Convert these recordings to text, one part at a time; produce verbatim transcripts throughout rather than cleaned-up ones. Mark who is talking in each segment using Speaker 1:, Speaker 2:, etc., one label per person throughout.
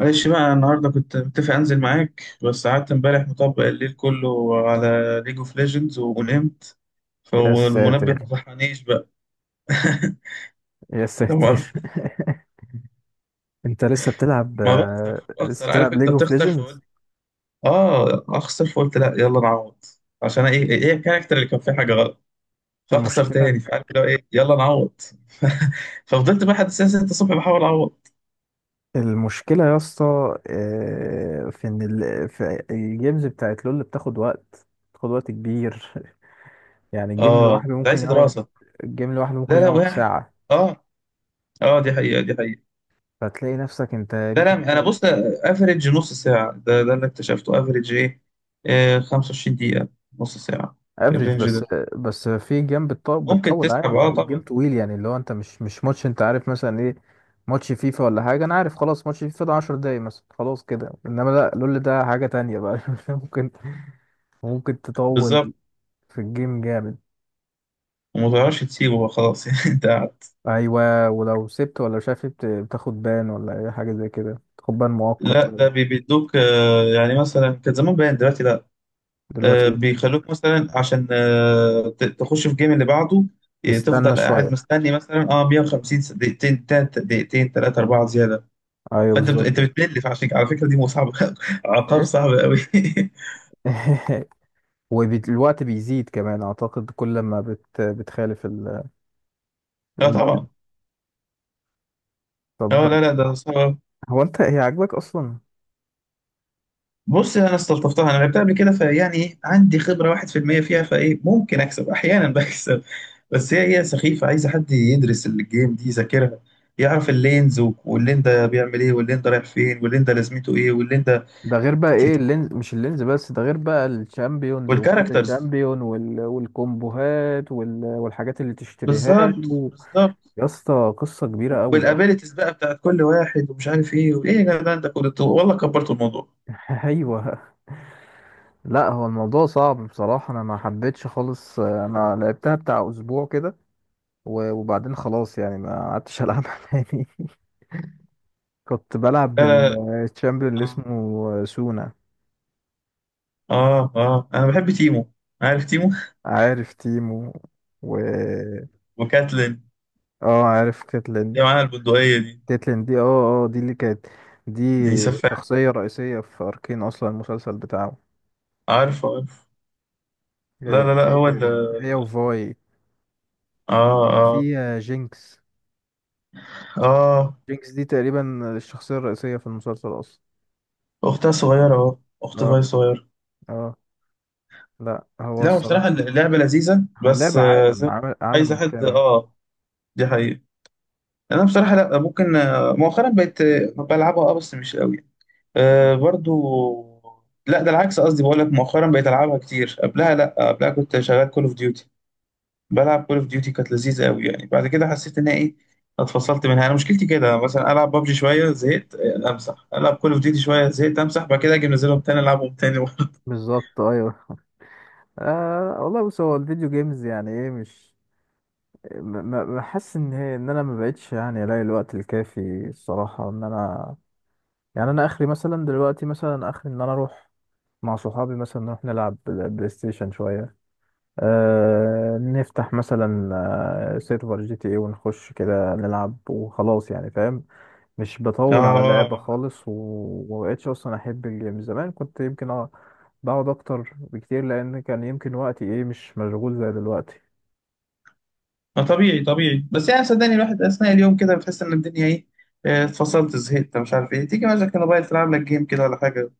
Speaker 1: معلش بقى النهارده كنت متفق انزل معاك، بس قعدت امبارح مطبق الليل كله على ليج اوف ليجندز ونمت،
Speaker 2: يا
Speaker 1: فالمنبه
Speaker 2: ساتر.
Speaker 1: ما صحانيش بقى.
Speaker 2: يا
Speaker 1: لا
Speaker 2: ساتر.
Speaker 1: مؤاخذة.
Speaker 2: انت لسه بتلعب
Speaker 1: ما بخسر
Speaker 2: آه، لسه
Speaker 1: بخسر، عارف
Speaker 2: بتلعب
Speaker 1: انت
Speaker 2: ليج اوف
Speaker 1: بتخسر،
Speaker 2: ليجندز؟
Speaker 1: فقلت اه اخسر، فقلت لا، يلا نعوض. عشان ايه ايه إيه الكاركتر اللي كان فيه حاجه غلط، فاخسر
Speaker 2: المشكله
Speaker 1: تاني، فعارف اللي هو ايه، يلا نعوض. ففضلت بقى لحد الساعه ستة الصبح بحاول اعوض.
Speaker 2: المشكله يا اسطى، آه، في ان ال... في الجيمز بتاعت لول بتاخد وقت بتاخد وقت كبير. يعني جيم
Speaker 1: اه
Speaker 2: لوحده
Speaker 1: ده
Speaker 2: ممكن
Speaker 1: عايز
Speaker 2: يقعد
Speaker 1: دراسه.
Speaker 2: الجيم لوحده ممكن
Speaker 1: لا لا،
Speaker 2: يقعد
Speaker 1: وقع.
Speaker 2: ساعه.
Speaker 1: اه، اه دي حقيقه دي حقيقه.
Speaker 2: فتلاقي نفسك انت
Speaker 1: لا لا،
Speaker 2: يمكن
Speaker 1: انا
Speaker 2: بتقعد
Speaker 1: بص، افريج نص ساعه، ده ده اللي اكتشفته، افريج ايه؟ آه، خمسة وعشرين دقيقه، نص ساعه
Speaker 2: افريج
Speaker 1: الرينج
Speaker 2: بس
Speaker 1: ده.
Speaker 2: بس في جيم بتطول
Speaker 1: ممكن
Speaker 2: بتطول
Speaker 1: تسحب،
Speaker 2: عادي.
Speaker 1: اه
Speaker 2: الجيم
Speaker 1: طبعا.
Speaker 2: طويل، يعني اللي هو انت مش مش ماتش، انت عارف مثلا ايه؟ ماتش فيفا ولا حاجة، انا عارف، خلاص. ماتش فيفا ده عشر دقايق مثلا خلاص كده، انما لا، لول ده حاجة تانية بقى. ممكن ممكن تطول
Speaker 1: بالظبط.
Speaker 2: في الجيم، جامد.
Speaker 1: وما تعرفش تسيبه بقى، خلاص. يعني انت قاعد.
Speaker 2: ايوه، ولو سبت ولا مش عارف إيه بت- بتاخد بان، ولا اي حاجة زي كده، تاخد بان مؤقت
Speaker 1: لا،
Speaker 2: بقى.
Speaker 1: ده بي- بيدوك. آه يعني مثلا كان زمان باين، دلوقتي لا.
Speaker 2: دلوقتي
Speaker 1: آه،
Speaker 2: ايه،
Speaker 1: بيخلوك مثلا عشان آه ت- تخش في الجيم اللي بعده. آه،
Speaker 2: تستنى
Speaker 1: تفضل قاعد
Speaker 2: شوية؟
Speaker 1: مستني مثلا اه مية وخمسين س- دقيقتين، تلات دقيقتين، ثلاثه اربعه زياده.
Speaker 2: ايوه،
Speaker 1: فانت بت-
Speaker 2: بالظبط.
Speaker 1: انت بتمل، فعشان كده- على فكره دي مصعبه. عقاب
Speaker 2: ايه؟
Speaker 1: صعب قوي.
Speaker 2: والوقت بيزيد كمان اعتقد كل ما بت... بتخالف ال...
Speaker 1: لا
Speaker 2: لما كده.
Speaker 1: طبعا.
Speaker 2: طب،
Speaker 1: اه لا لا، ده صعب.
Speaker 2: هو انت هي عاجباك اصلا؟
Speaker 1: بص، انا استلطفتها، انا لعبتها قبل كده، فيعني ايه، عندي خبره واحد في المية فيها، فايه ممكن اكسب احيانا. بكسب. بس هي هي سخيفه، عايزه حد يدرس الجيم دي، يذاكرها، يعرف اللينز و- واللين ده بيعمل ايه، واللين ده رايح فين، واللين ده لازمته ايه، واللين ده.
Speaker 2: ده غير بقى ايه اللينز، مش اللينز بس، ده غير بقى الشامبيونز وكل
Speaker 1: والكاركترز.
Speaker 2: تشامبيون وال... والكومبوهات وال... والحاجات اللي تشتريها
Speaker 1: بالظبط
Speaker 2: له.
Speaker 1: بالظبط.
Speaker 2: يا اسطى، قصة كبيرة قوي قوي.
Speaker 1: والابيلتيز بقى بتاعت كل واحد، ومش عارف ايه وايه، يا جدعان ده كله، والله كبرت الموضوع.
Speaker 2: ايوه. لا، هو الموضوع صعب بصراحة. انا ما حبيتش خالص، انا لعبتها بتاع اسبوع كده و- وبعدين خلاص، يعني ما قعدتش العبها تاني. كنت بلعب
Speaker 1: لا لا
Speaker 2: بالشامبيون اللي
Speaker 1: لا.
Speaker 2: اسمه سونا.
Speaker 1: اه اه، آه. انا بحب تيمو، عارف تيمو؟
Speaker 2: عارف تيمو، و
Speaker 1: وكاتلين،
Speaker 2: اه عارف كاتلين.
Speaker 1: اللي معاها البندقيه دي.
Speaker 2: تيتلين دي، اه اه دي اللي كانت، دي
Speaker 1: دي سفاح.
Speaker 2: شخصية رئيسية في أركين أصلا، المسلسل بتاعه.
Speaker 1: عارفه عارفه. لا لا لا،
Speaker 2: هي
Speaker 1: هو اللي
Speaker 2: و- هي وفاي،
Speaker 1: اه اه
Speaker 2: وفي جينكس.
Speaker 1: اه
Speaker 2: جينكس دي تقريبا الشخصية الرئيسية في المسلسل أصلا.
Speaker 1: اختها صغيرة اهو، اخت
Speaker 2: اه،
Speaker 1: فاي صغيرة.
Speaker 2: اه. لا، هو
Speaker 1: لا، بصراحة
Speaker 2: الصراحة
Speaker 1: اللعبة لذيذة،
Speaker 2: هو
Speaker 1: بس
Speaker 2: لعب
Speaker 1: آه،
Speaker 2: عالم،
Speaker 1: زي،
Speaker 2: عمل
Speaker 1: عايزة
Speaker 2: عالم
Speaker 1: حد
Speaker 2: كامل.
Speaker 1: اه دي حقيقة. انا بصراحة لا ممكن، آه، مؤخرا بقيت، آه، بلعبها، اه بس مش قوي. آه، برضو. لا، ده العكس، قصدي بقول لك مؤخرا بقيت العبها كتير، قبلها لا، قبلها كنت شغال كول اوف ديوتي. بلعب كول اوف ديوتي، كانت لذيذه قوي، يعني بعد كده حسيت ان ايه، اتفصلت منها. انا مشكلتي كده، مثلا العب بابجي شويه، زهقت، آه، امسح، العب كول اوف ديوتي شويه، زهقت، امسح، بعد كده اجي منزلهم تاني العبهم تاني.
Speaker 2: بالظبط، ايوه. آه والله، بص، هو الفيديو جيمز يعني ايه، مش... ما- ما- بحس ان هي ان انا ما بقتش يعني الاقي الوقت الكافي الصراحه، ان انا يعني انا اخري مثلا دلوقتي، مثلا اخري ان انا اروح مع صحابي مثلا، نروح نلعب بل- بلاي ستيشن شوية. أه، نفتح مثلا آه، سيرفر جي تي ايه، ونخش كده نلعب وخلاص، يعني فاهم؟ مش بطول على لعبة
Speaker 1: اه،
Speaker 2: خالص و- ومبقتش أصلا أحب الجيم. زمان كنت يمكن اه بقعد أكتر بكتير، لأن كان يمكن وقتي ايه، مش مشغول زي دلوقتي.
Speaker 1: ما طبيعي طبيعي، بس يعني صدقني، الواحد اثناء اليوم كده بتحس ان الدنيا ايه، آه، اتفصلت، زهقت، مش عارف ايه، تيجي مثلا الموبايل تلعب لك جيم كده ولا حاجه.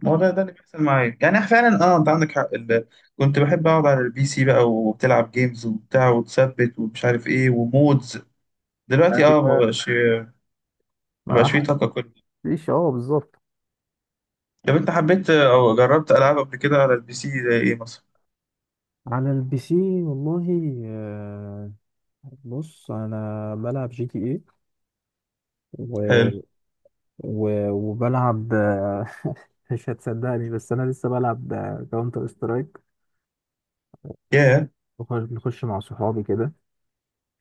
Speaker 1: ما هو ده ده اللي بيحصل معايا، يعني فعلا اه انت عندك حق ال- كنت بحب اقعد على البي سي بقى، وبتلعب جيمز وبتاع، وتثبت ومش عارف ايه، ومودز. دلوقتي اه ما
Speaker 2: ايوه.
Speaker 1: بقاش، مبقاش
Speaker 2: ما
Speaker 1: فيه طاقة كل.
Speaker 2: حدش، اه بالظبط.
Speaker 1: طب أنت حبيت أو جربت ألعاب قبل كده على البي سي زي إيه مثلا؟
Speaker 2: على البي سي، والله آه، بص، انا بلعب جي تي اي و...
Speaker 1: حلو.
Speaker 2: و... وبلعب، مش هتصدقني، بس انا لسه بلعب كاونتر سترايك.
Speaker 1: ياه.
Speaker 2: بنخش مع صحابي كده.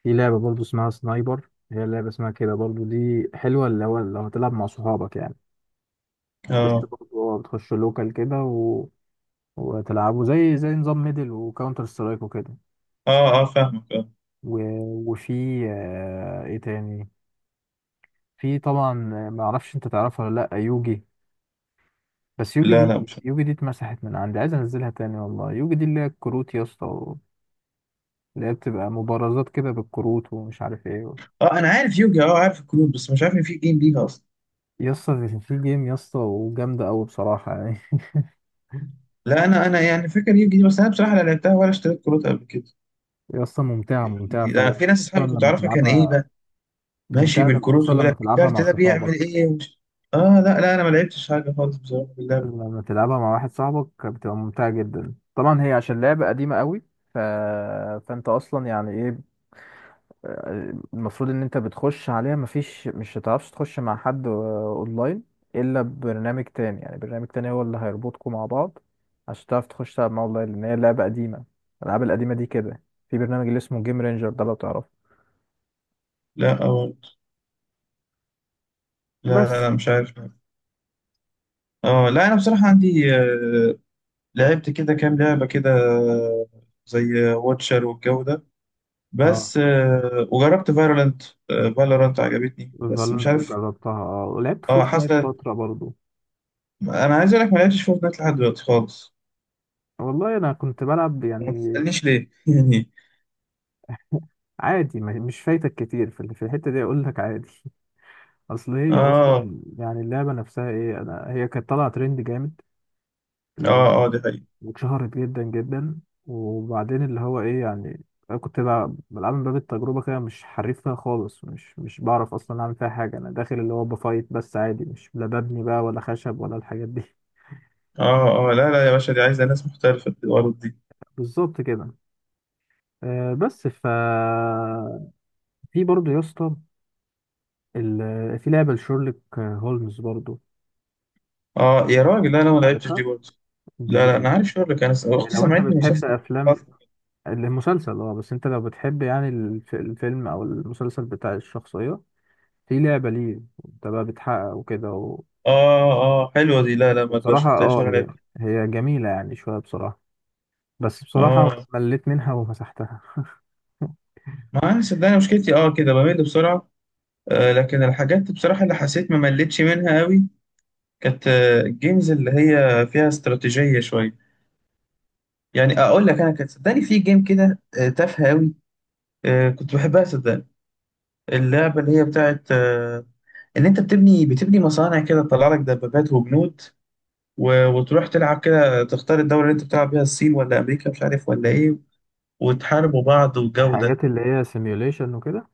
Speaker 2: في لعبه برضو اسمها سنايبر، هي لعبه اسمها كده برضو، دي حلوه، اللي هو لو هتلعب مع صحابك يعني، بتخش
Speaker 1: أه
Speaker 2: برضو، اه بتخش لوكال كده و... وتلعبوا زي زي نظام ميدل وكاونتر سترايك وكده.
Speaker 1: أه أه، فاهمك أه
Speaker 2: و... وفي آه، ايه تاني في طبعا ما اعرفش انت تعرفها ولا لا يوجي. بس يوجي
Speaker 1: لا لا،
Speaker 2: دي
Speaker 1: مش فاهم.
Speaker 2: يوجي دي اتمسحت من عندي، عايز انزلها تاني والله. يوجي دي اللي هي الكروت يا اسطى، اللي هي بتبقى مبارزات كده بالكروت ومش عارف ايه.
Speaker 1: أه أنا عارف يوجي، أه عارف الكروت، بس مش عارف إن في جيم ليها أصلا.
Speaker 2: يا اسطى، في في جيم يا اسطى، وجامدة أوي بصراحة يعني.
Speaker 1: لا، أنا أنا يعني فاكر يوجي دي، بس أنا بصراحة لا لعبتها ولا اشتريت كروت قبل كده.
Speaker 2: يا اسطى، ممتعة ممتعة
Speaker 1: لا،
Speaker 2: فعلا.
Speaker 1: في ناس
Speaker 2: خصوصا
Speaker 1: أصحابي كنت
Speaker 2: لما
Speaker 1: أعرفها، كان إيه
Speaker 2: تلعبها،
Speaker 1: بقى، ماشي
Speaker 2: ممتعة لما-
Speaker 1: بالكروت،
Speaker 2: خصوصا
Speaker 1: ويقول
Speaker 2: لما
Speaker 1: لك
Speaker 2: تلعبها
Speaker 1: الكارت
Speaker 2: مع
Speaker 1: ده
Speaker 2: صحابك.
Speaker 1: بيعمل إيه ومش... أه لا لا، أنا ما لعبتش حاجة خالص بصراحة باللعبة دي.
Speaker 2: لما تلعبها مع واحد صاحبك بتبقى ممتعة جدا طبعا. هي عشان لعبة قديمة أوي ف... فأنت أصلا يعني ايه، المفروض ان انت بتخش عليها، مفيش مش هتعرفش تخش مع حد آه، اونلاين، الا ببرنامج تاني. يعني برنامج تاني هو اللي هيربطكم مع بعض عشان تعرف تخش تلعب مع اونلاين، لان هي لعبة قديمة، الالعاب القديمة دي كده. في برنامج اللي اسمه جيم رينجر ده، لو تعرفه.
Speaker 1: لا أه. لا لا
Speaker 2: بس
Speaker 1: لا، مش عارف لا. أه لا، أنا بصراحة عندي آه، لعبت كده كام لعبة كده، زي واتشر والجو ده،
Speaker 2: اه.
Speaker 1: بس آه، وجربت فالورانت. فالورانت عجبتني بس مش
Speaker 2: فالنت
Speaker 1: عارف.
Speaker 2: جربتها، اه ولعبت
Speaker 1: اه،
Speaker 2: فورتنايت
Speaker 1: حاسة.
Speaker 2: فترة برضو.
Speaker 1: انا عايز اقول لك ما لعبتش فورتنايت لحد دلوقتي خالص،
Speaker 2: والله انا كنت بلعب
Speaker 1: وما
Speaker 2: يعني
Speaker 1: تسألنيش ليه. يعني
Speaker 2: عادي. ما- مش فايتك كتير في ال- في الحتة دي، اقول لك عادي. اصل هي
Speaker 1: اه
Speaker 2: اصلا يعني اللعبة نفسها ايه، انا هي كانت طالعة ترند جامد، ل-
Speaker 1: اه اه، دي حقيقة.
Speaker 2: واتشهرت جدا جدا. وبعدين اللي هو ايه يعني، انا كنت بلعب بلعب من باب التجربه كده، مش حريف فيها خالص، مش مش بعرف اصلا اعمل فيها حاجه. انا داخل اللي هو بفايت بس عادي، مش، لا ببني بقى ولا خشب ولا الحاجات دي.
Speaker 1: اه اه، لا لا يا باشا، دي عايزة ناس محترفة في الورد دي.
Speaker 2: بالظبط كده. آه، بس ف في برضه يا اسطى ال- آه، في لعبه لشيرلوك هولمز برضه،
Speaker 1: اه يا راجل، لا انا ما لعبتش دي
Speaker 2: عارفها؟
Speaker 1: برضه.
Speaker 2: دي
Speaker 1: لا لا، انا
Speaker 2: جميلة.
Speaker 1: عارف شغلك، انا س- اختي
Speaker 2: لو انت
Speaker 1: سمعتني
Speaker 2: بتحب
Speaker 1: مسلسل. اه
Speaker 2: افلام المسلسل، اه بس انت لو بتحب يعني الف- الفيلم او المسلسل بتاع الشخصيه، في لعبة ليه، انت بقى بتحقق وكده و...
Speaker 1: اه، حلوة دي، لا لا ما
Speaker 2: وبصراحة،
Speaker 1: شفتهاش
Speaker 2: اه
Speaker 1: ولا
Speaker 2: هي
Speaker 1: لعبت.
Speaker 2: هي جميلة يعني، شوية بصراحة. بس بصراحة
Speaker 1: اه
Speaker 2: مليت منها ومسحتها.
Speaker 1: ما انا صدقني مشكلتي اه كده بمل بسرعة. آه، لكن الحاجات بصراحة اللي حسيت ما مليتش منها قوي، كانت آه، الجيمز اللي هي فيها استراتيجية شوية. يعني أقول لك أنا، كانت صدقني في جيم كده آه، تافهة قوي، آه، كنت بحبها صدقني. اللعبة اللي هي بتاعت آه، إن أنت بتبني بتبني مصانع كده، تطلع لك دبابات وبنود، و- وتروح تلعب كده، تختار الدولة اللي أنت بتلعب بيها، الصين ولا أمريكا مش عارف ولا إيه، وتحاربوا بعض والجو ده.
Speaker 2: الحاجات اللي هي سيميوليشن وكده،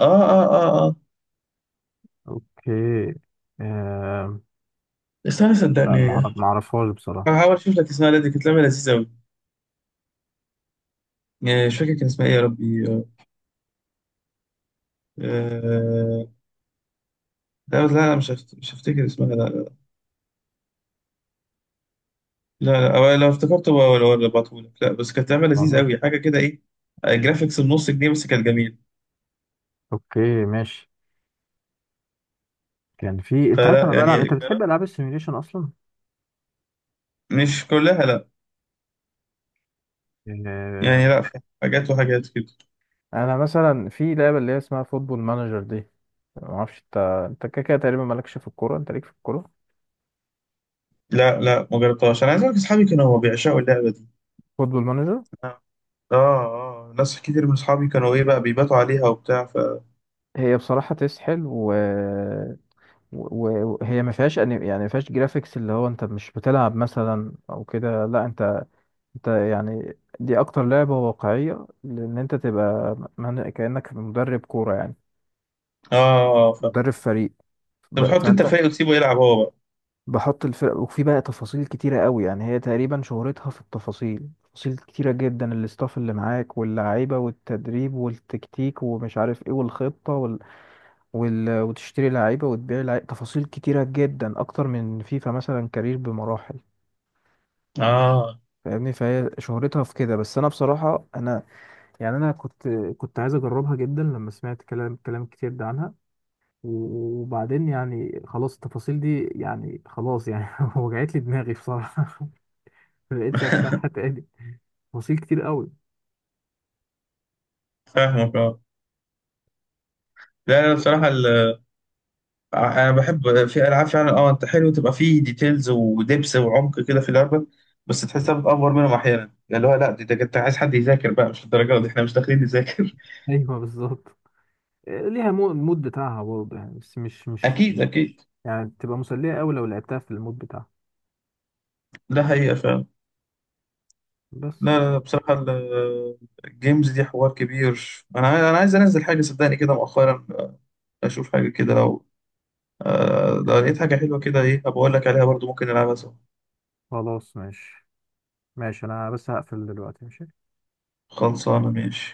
Speaker 1: آه آه آه آه.
Speaker 2: اوكي. آه...
Speaker 1: استنى
Speaker 2: لا،
Speaker 1: صدقني،
Speaker 2: معرف... معرفهاش بصراحة.
Speaker 1: هحاول أشوف لك اسمها، دي كانت لعبة لذيذة قوي. آه، مش فاكر كان اسمها إيه يا ربي. آه، لا لا لا، مش هفت... مش هفتكر اسمها لا. لا لا، أو لو افتكرته ولا ولا ببعتهولك، لا بس كانت لعبة لذيذة
Speaker 2: خلاص،
Speaker 1: قوي، حاجة كده ايه، آه، جرافيكس بنص جنيه، بس كانت جميل.
Speaker 2: اوكي، ماشي. كان في، انت عارف،
Speaker 1: فلا
Speaker 2: انا بلعب،
Speaker 1: يعني
Speaker 2: انت بتحب
Speaker 1: جرب-
Speaker 2: العاب السيميوليشن اصلا؟
Speaker 1: مش كلها لا،
Speaker 2: آه...
Speaker 1: يعني لا في حاجات وحاجات كده.
Speaker 2: انا مثلا في لعبه اللي هي اسمها فوتبول مانجر دي، ما اعرفش انت. انت كده كده تقريبا مالكش في الكوره، انت ليك في الكوره؟
Speaker 1: لا لا، ما جربتهاش، انا عايز اقول لك اصحابي كانوا بيعشقوا اللعبة دي.
Speaker 2: فوتبول مانجر.
Speaker 1: اه اه، ناس كتير من اصحابي كانوا ايه بقى بيباتوا عليها وبتاع ف اه
Speaker 2: هي بصراحة تسحل و... و- وهي ما فيهاش، أني... يعني ما فيهاش جرافيكس اللي هو انت مش بتلعب مثلا او كده، لا، انت انت يعني، دي اكتر لعبة واقعية، لان انت تبقى من... كأنك مدرب كورة يعني،
Speaker 1: آه، ف
Speaker 2: مدرب فريق،
Speaker 1: طب
Speaker 2: ب...
Speaker 1: بتحط انت
Speaker 2: فانت
Speaker 1: الفايق وتسيبه يلعب هو بقى.
Speaker 2: بحط الفرق، وفي بقى تفاصيل كتيرة قوي. يعني هي تقريبا شهرتها في التفاصيل، تفاصيل كتيرة جدا، الاستاف اللي معاك واللعيبة والتدريب والتكتيك ومش عارف ايه والخطة وال... وتشتري لعيبة وتبيع لعيبة، تفاصيل كتيرة جدا، أكتر من فيفا مثلا كارير بمراحل،
Speaker 1: اه.
Speaker 2: فاهمني؟ فهي شهرتها في كده. بس أنا بصراحة أنا يعني أنا، كنت كنت عايز أجربها جدا لما سمعت كلام كلام كتير ده عنها، و- وبعدين يعني خلاص، التفاصيل دي يعني خلاص يعني وجعت لي دماغي بصراحة. ما بقتش أفتحها تاني، تفاصيل كتير قوي.
Speaker 1: فاهمك اه لا لا بصراحة، انا بحب في العاب فعلا، اه انت حلو تبقى فيه ديتيلز ودبس وعمق كده في اللعبه، بس تحسها بتأفور منهم احيانا، يعني اللي هو لا، دي ده انت عايز حد يذاكر بقى، مش الدرجه دي، احنا مش داخلين نذاكر.
Speaker 2: أيوه، بالظبط. ليها مو- المود بتاعها برضه يعني، بس مش مش
Speaker 1: اكيد اكيد.
Speaker 2: يعني تبقى مسلية قوي لو لعبتها في المود بتاعها.
Speaker 1: ده حقيقه فعلا.
Speaker 2: بس
Speaker 1: لا لا لا، بصراحه ال- الجيمز دي حوار كبير، انا عايز- انا عايز انزل حاجه صدقني كده مؤخرا، اشوف حاجه كده. لو آه، لو لقيت حاجه حلوه كده ايه، بقول لك عليها برضو ممكن نلعبها سوا.
Speaker 2: خلاص، ماشي. ماشي، انا بس هقفل دلوقتي، ماشي.
Speaker 1: خلصانه ماشي.